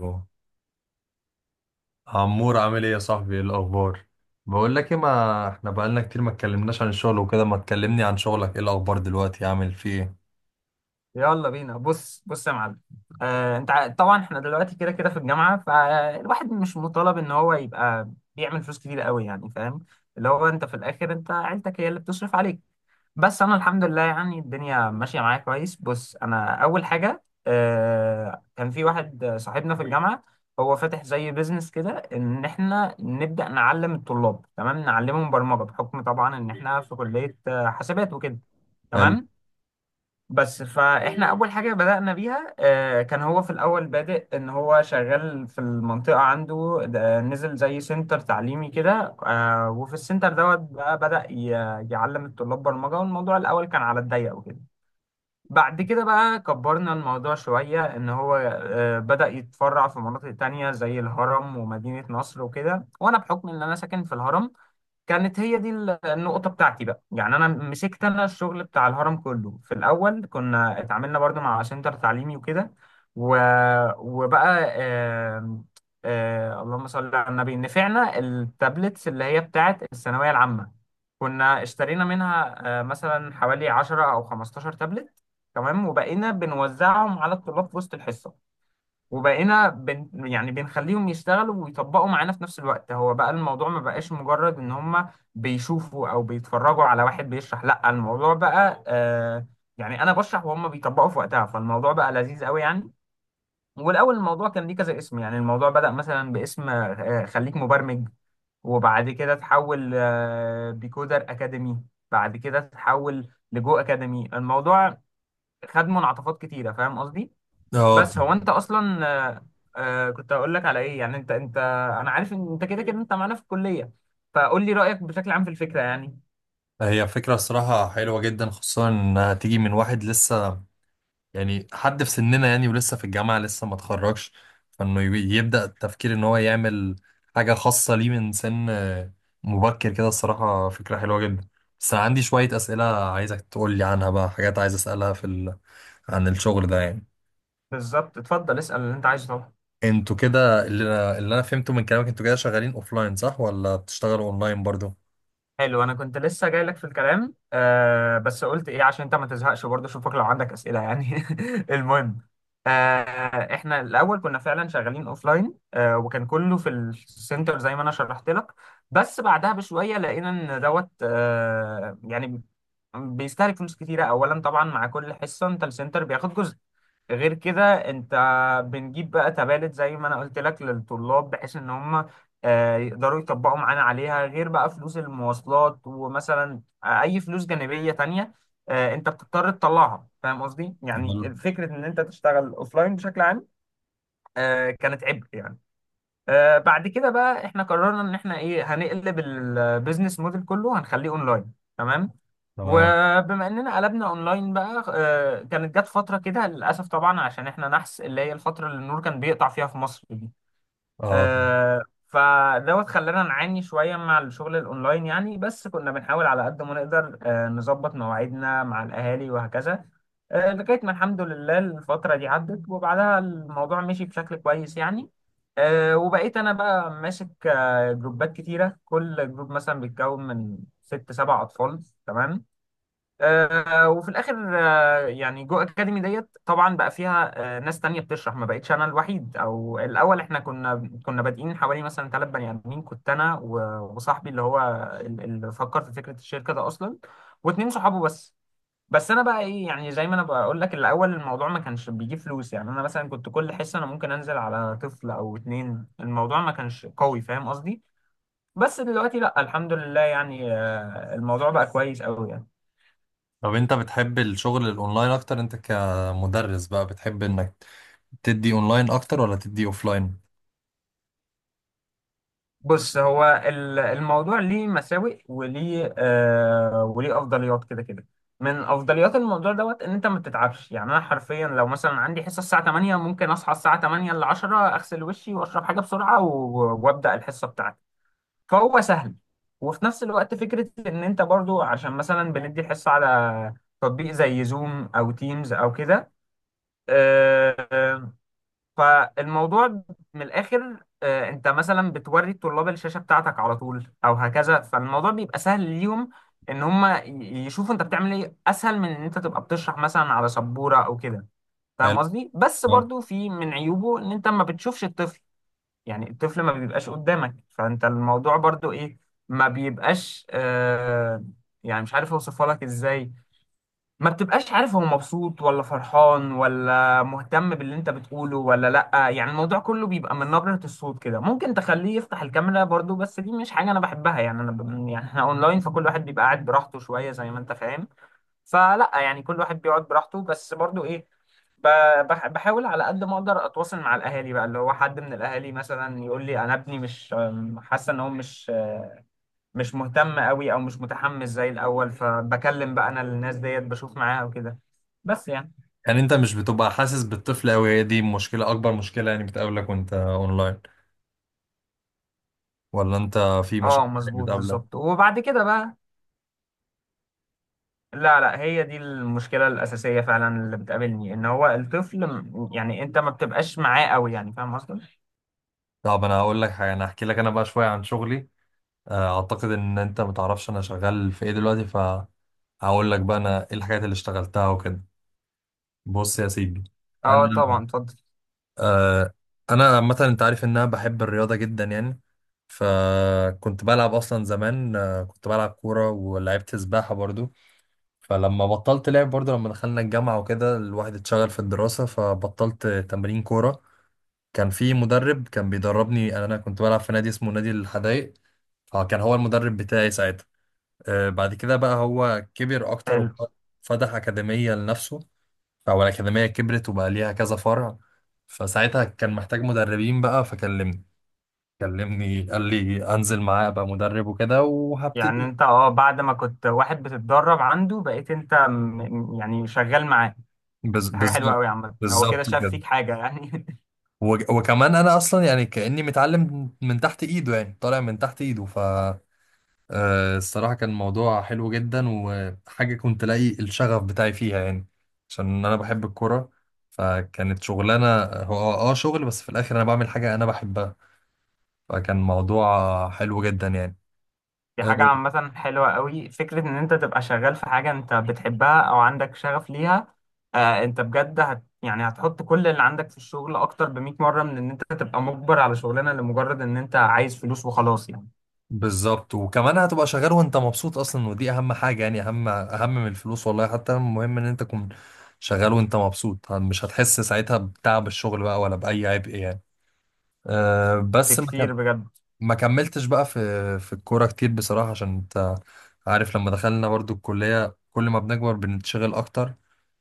أهو. عمور عامل ايه يا صاحبي؟ ايه الاخبار؟ بقول لك ايه، ما احنا بقالنا كتير ما اتكلمناش عن الشغل وكده، ما تكلمني عن شغلك، ايه الاخبار دلوقتي؟ عامل فيه ايه؟ يلا بينا. بص بص يا معلم. طبعا احنا دلوقتي كده كده في الجامعه، فالواحد مش مطالب ان هو يبقى بيعمل فلوس كتير قوي، يعني فاهم؟ اللي هو انت في الاخر، انت عيلتك هي اللي بتصرف عليك. بس انا الحمد لله، يعني الدنيا ماشيه معايا كويس. بص، انا اول حاجه، كان في واحد صاحبنا في الجامعه هو فاتح زي بيزنس كده ان احنا نبدا نعلم الطلاب، تمام، نعلمهم برمجه بحكم طبعا ان احنا في كليه حاسبات وكده. حلو. تمام. بس فاحنا اول حاجه بدانا بيها كان هو في الاول بادئ ان هو شغال في المنطقه عنده، ده نزل زي سنتر تعليمي كده. وفي السنتر دوت بقى بدا يعلم الطلاب برمجه، والموضوع الاول كان على الضيق وكده. بعد كده بقى كبرنا الموضوع شويه، ان هو بدا يتفرع في مناطق تانية زي الهرم ومدينه نصر وكده. وانا بحكم ان انا ساكن في الهرم، كانت هي دي النقطة بتاعتي بقى، يعني أنا مسكت، أنا الشغل بتاع الهرم كله. في الأول كنا اتعاملنا برضو مع سنتر تعليمي وكده. و... وبقى آم، آه، اللهم صل على النبي، نفعنا التابلتس اللي هي بتاعت الثانوية العامة. كنا اشترينا منها مثلا حوالي 10 أو 15 تابلت. تمام. وبقينا بنوزعهم على الطلاب في وسط الحصة. وبقينا يعني بنخليهم يشتغلوا ويطبقوا معانا في نفس الوقت. هو بقى الموضوع ما بقاش مجرد ان هم بيشوفوا او بيتفرجوا على واحد بيشرح، لا، الموضوع بقى يعني انا بشرح وهم بيطبقوا في وقتها. فالموضوع بقى لذيذ قوي، يعني. والاول الموضوع كان ليه كذا اسم. يعني الموضوع بدأ مثلا باسم خليك مبرمج. وبعد كده تحول بيكودر اكاديمي. بعد كده تحول لجو اكاديمي. الموضوع خد منعطفات كتيرة، فاهم قصدي؟ اه بس طبعا. هو انت اصلا كنت هقول لك على ايه. يعني انت انا عارف ان انت كده كده انت معانا في الكليه، فقول لي رايك بشكل عام في الفكره، يعني. هي فكرة الصراحة حلوة جدا، خصوصا انها تيجي من واحد لسه يعني حد في سننا، يعني ولسه في الجامعة لسه ما اتخرجش، فانه يبدأ التفكير ان هو يعمل حاجة خاصة ليه من سن مبكر كده. الصراحة فكرة حلوة جدا، بس انا عندي شوية أسئلة عايزك تقول لي عنها بقى، حاجات عايز أسألها في عن الشغل ده يعني. بالظبط. اتفضل اسال اللي انت عايزه طبعا. انتوا كده، اللي انا فهمته من كلامك انتوا كده شغالين اوفلاين، صح؟ ولا بتشتغلوا اونلاين برضو؟ حلو. انا كنت لسه جاي لك في الكلام، بس قلت ايه عشان انت ما تزهقش برضه، اشوفك لو عندك اسئله يعني. المهم، آه احنا الاول كنا فعلا شغالين اوفلاين، وكان كله في السنتر زي ما انا شرحت لك. بس بعدها بشويه لقينا ان دوت يعني بيستهلك فلوس كتيرة. أولا طبعا مع كل حصة أنت السنتر بياخد جزء. غير كده، أنت بنجيب بقى تبادل زي ما أنا قلت لك للطلاب بحيث إن هم يقدروا يطبقوا معانا عليها. غير بقى فلوس المواصلات ومثلا أي فلوس جانبية تانية أنت بتضطر تطلعها، فاهم قصدي؟ حلو. يعني فكرة إن أنت تشتغل أوفلاين بشكل عام كانت عبء يعني. بعد كده بقى إحنا قررنا إن إحنا إيه هنقلب البيزنس موديل كله، هنخليه أونلاين تمام؟ تمام. وبما اننا قلبنا اونلاين بقى كانت جت فتره كده، للاسف طبعا، عشان احنا نحس اللي هي الفتره اللي النور كان بيقطع فيها في مصر دي. اه. آه، فدوت خلانا نعاني شويه مع الشغل الاونلاين يعني. بس كنا بنحاول على قد ما نقدر نظبط مواعيدنا مع الاهالي وهكذا. لغايه ما الحمد لله الفتره دي عدت، وبعدها الموضوع مشي بشكل كويس يعني. وبقيت انا بقى ماسك جروبات كتيره، كل جروب مثلا بيتكون من ست سبع اطفال، تمام. وفي الاخر يعني جو اكاديمي ديت طبعا بقى فيها ناس تانية بتشرح، ما بقتش انا الوحيد. او الاول احنا كنا بادئين حوالي مثلا ثلاث بني ادمين، كنت انا و- وصاحبي اللي هو اللي فكر في فكرة الشركة ده اصلا، واتنين صحابه بس. بس انا بقى ايه، يعني زي ما انا بقول لك الاول الموضوع ما كانش بيجيب فلوس. يعني انا مثلا كنت كل حصة انا ممكن انزل على طفل او اتنين. الموضوع ما كانش قوي، فاهم قصدي؟ بس دلوقتي لا، الحمد لله، يعني الموضوع بقى كويس قوي يعني. طب انت بتحب الشغل الاونلاين اكتر؟ انت كمدرس بقى بتحب انك تدي اونلاين اكتر، ولا تدي اوفلاين؟ بص، هو الموضوع ليه مساوئ وليه وليه افضليات، كده كده. من افضليات الموضوع دوت ان انت ما بتتعبش. يعني انا حرفيا لو مثلا عندي حصه الساعه 8، ممكن اصحى الساعه 8 ل 10 اغسل وشي واشرب حاجه بسرعه و- وابدا الحصه بتاعتي. فهو سهل. وفي نفس الوقت فكره ان انت برضو عشان مثلا بندي الحصه على تطبيق زي زوم او تيمز او كده آه، فالموضوع من الاخر انت مثلا بتوري الطلاب الشاشه بتاعتك على طول او هكذا، فالموضوع بيبقى سهل ليهم، ان هم يشوفوا انت بتعمل ايه، اسهل من ان انت تبقى بتشرح مثلا على سبوره او كده، فاهم حلو. قصدي؟ بس آه. برضو في من عيوبه ان انت ما بتشوفش الطفل. يعني الطفل ما بيبقاش قدامك، فانت الموضوع برضو ايه، ما بيبقاش يعني مش عارف اوصفها لك ازاي. ما بتبقاش عارف هو مبسوط ولا فرحان ولا مهتم باللي انت بتقوله ولا لأ. يعني الموضوع كله بيبقى من نبرة الصوت كده. ممكن تخليه يفتح الكاميرا برضو، بس دي مش حاجة انا بحبها، يعني انا يعني احنا اونلاين فكل واحد بيبقى قاعد براحته شوية، زي ما انت فاهم. فلأ، يعني كل واحد بيقعد براحته، بس برضو ايه ب... بحاول على قد ما اقدر اتواصل مع الاهالي بقى، اللي هو حد من الاهالي مثلا يقول لي انا ابني مش حاسة ان هو مش مهتم قوي او مش متحمس زي الاول. فبكلم بقى انا الناس ديت، بشوف معاها وكده، بس يعني. يعني انت مش بتبقى حاسس بالطفل قوي، هي دي مشكلة؟ اكبر مشكلة يعني بتقابلك وانت اونلاين؟ ولا انت في مشاكل اه مظبوط، بتقابلك؟ بالظبط. وبعد كده بقى، لا لا، هي دي المشكلة الأساسية فعلا اللي بتقابلني، إن هو الطفل يعني أنت ما بتبقاش معاه قوي، يعني فاهم قصدي؟ طب انا هقول لك حاجة، انا هحكي لك انا بقى شوية عن شغلي. اعتقد ان انت متعرفش انا شغال في ايه دلوقتي، فهقول لك بقى انا ايه الحاجات اللي اشتغلتها وكده. بص يا سيدي، انا اه طبعا اتفضل. آه انا عامه انت عارف ان انا بحب الرياضه جدا يعني، فكنت بلعب اصلا زمان. كنت بلعب كوره ولعبت سباحه برضو. فلما بطلت لعب برضو لما دخلنا الجامعه وكده، الواحد اتشغل في الدراسه فبطلت تمرين كوره. كان في مدرب كان بيدربني، يعني انا كنت بلعب في نادي اسمه نادي الحدائق، فكان هو المدرب بتاعي ساعتها. بعد كده بقى هو كبر اكتر حلو. وفتح اكاديميه لنفسه، او الاكاديميه كبرت وبقى ليها كذا فرع. فساعتها كان محتاج مدربين بقى فكلمني، كلمني قال لي انزل معاه ابقى مدرب وكده يعني وهبتدي. أنت بعد ما كنت واحد بتتدرب عنده بقيت أنت يعني شغال معاه. دي حاجة حلوة بالظبط. قوي يا عم، هو كده بالظبط شاف كده. فيك حاجة يعني. وكمان انا اصلا يعني كاني متعلم من تحت ايده، يعني طالع من تحت ايده. ف الصراحة كان موضوع حلو جدا، وحاجة كنت لاقي الشغف بتاعي فيها يعني، عشان أنا بحب الكورة. فكانت شغلانة، هو اه آه شغل، بس في الآخر أنا بعمل حاجة أنا بحبها، فكان موضوع حلو جدا يعني. دي آه، حاجة عامة حلوة قوي، فكرة إن أنت تبقى شغال في حاجة أنت بتحبها أو عندك شغف ليها. أنت بجد يعني هتحط كل اللي عندك في الشغل أكتر ب100 مرة من إن أنت تبقى مجبر على شغلانة لمجرد إن أنت عايز فلوس وخلاص، يعني. بالظبط. وكمان هتبقى شغال وأنت مبسوط أصلا، ودي أهم حاجة يعني، أهم أهم من الفلوس والله. حتى المهم إن أنت تكون شغال وأنت مبسوط، مش هتحس ساعتها بتعب الشغل بقى ولا بأي عبء يعني. بس ما بكتير، بجد. ما كملتش بقى في في الكورة كتير بصراحة، عشان انت عارف لما دخلنا برضو الكلية، كل ما بنكبر بنتشغل اكتر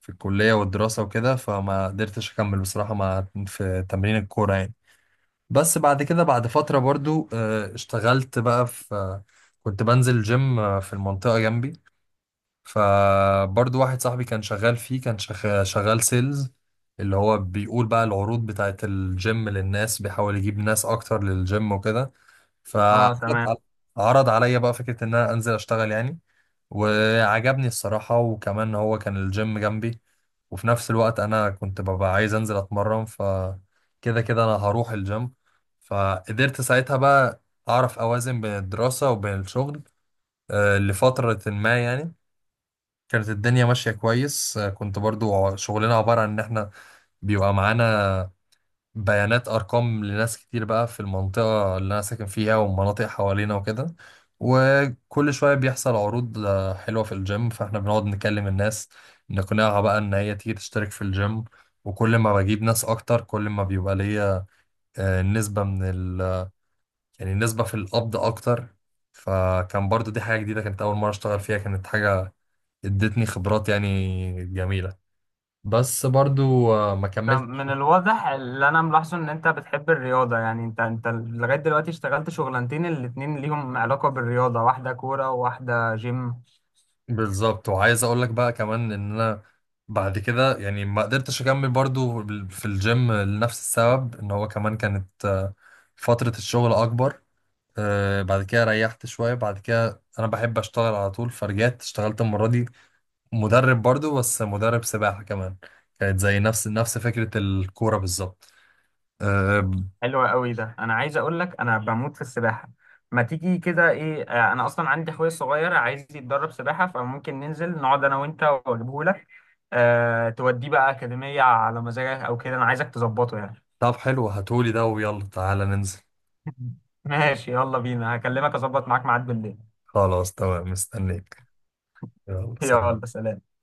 في الكلية والدراسة وكده، فما قدرتش اكمل بصراحة مع في تمرين الكورة يعني. بس بعد كده بعد فترة برضو اشتغلت بقى في كنت بنزل جيم في المنطقة جنبي، فبرضو واحد صاحبي كان شغال فيه، كان شغال سيلز، اللي هو بيقول بقى العروض بتاعت الجيم للناس، بيحاول يجيب ناس اكتر للجيم وكده. فعرض أه تمام. على- عرض عليا بقى فكرة ان انا انزل اشتغل يعني. وعجبني الصراحة، وكمان هو كان الجيم جنبي، وفي نفس الوقت انا كنت ببقى عايز انزل اتمرن، فكده كده انا هروح الجيم. فقدرت ساعتها بقى اعرف اوازن بين الدراسة وبين الشغل لفترة ما يعني. كانت الدنيا ماشية كويس. كنت برضو شغلنا عبارة عن ان احنا بيبقى معانا بيانات ارقام لناس كتير بقى في المنطقه اللي انا ساكن فيها والمناطق حوالينا وكده، وكل شويه بيحصل عروض حلوه في الجيم، فاحنا بنقعد نكلم الناس نقنعها بقى ان هي تيجي تشترك في الجيم. وكل ما بجيب ناس اكتر كل ما بيبقى ليا نسبه من يعني نسبه في القبض اكتر. فكان برضو دي حاجه جديده، كانت اول مره اشتغل فيها، كانت حاجه ادتني خبرات يعني جميله. بس برضو ما طب كملتش. من الواضح اللي أنا ملاحظه إن أنت بتحب الرياضة، يعني أنت لغاية دلوقتي اشتغلت شغلانتين الاتنين ليهم علاقة بالرياضة، واحدة كورة وواحدة جيم. بالظبط. وعايز اقول لك بقى كمان ان انا بعد كده يعني ما قدرتش اكمل برضو في الجيم لنفس السبب، ان هو كمان كانت فترة الشغل اكبر. بعد كده ريحت شوية، بعد كده انا بحب اشتغل على طول، فرجعت اشتغلت المرة دي مدرب برضو، بس مدرب سباحة كمان. كانت زي نفس فكرة الكورة بالظبط. آه. حلو قوي ده، انا عايز اقول لك انا بموت في السباحه. ما تيجي كده، ايه، انا اصلا عندي اخويا الصغير عايز يتدرب سباحه، فممكن ننزل نقعد انا وانت واجيبه لك. أه، توديه بقى اكاديميه على مزاجك او كده، انا عايزك تظبطه يعني. طب حلو، هاتولي ده ويلا تعالى ننزل. ماشي، يلا بينا، هكلمك اظبط معاك ميعاد بالليل. خلاص تمام، مستنيك. يلا سلام. يلا سلام.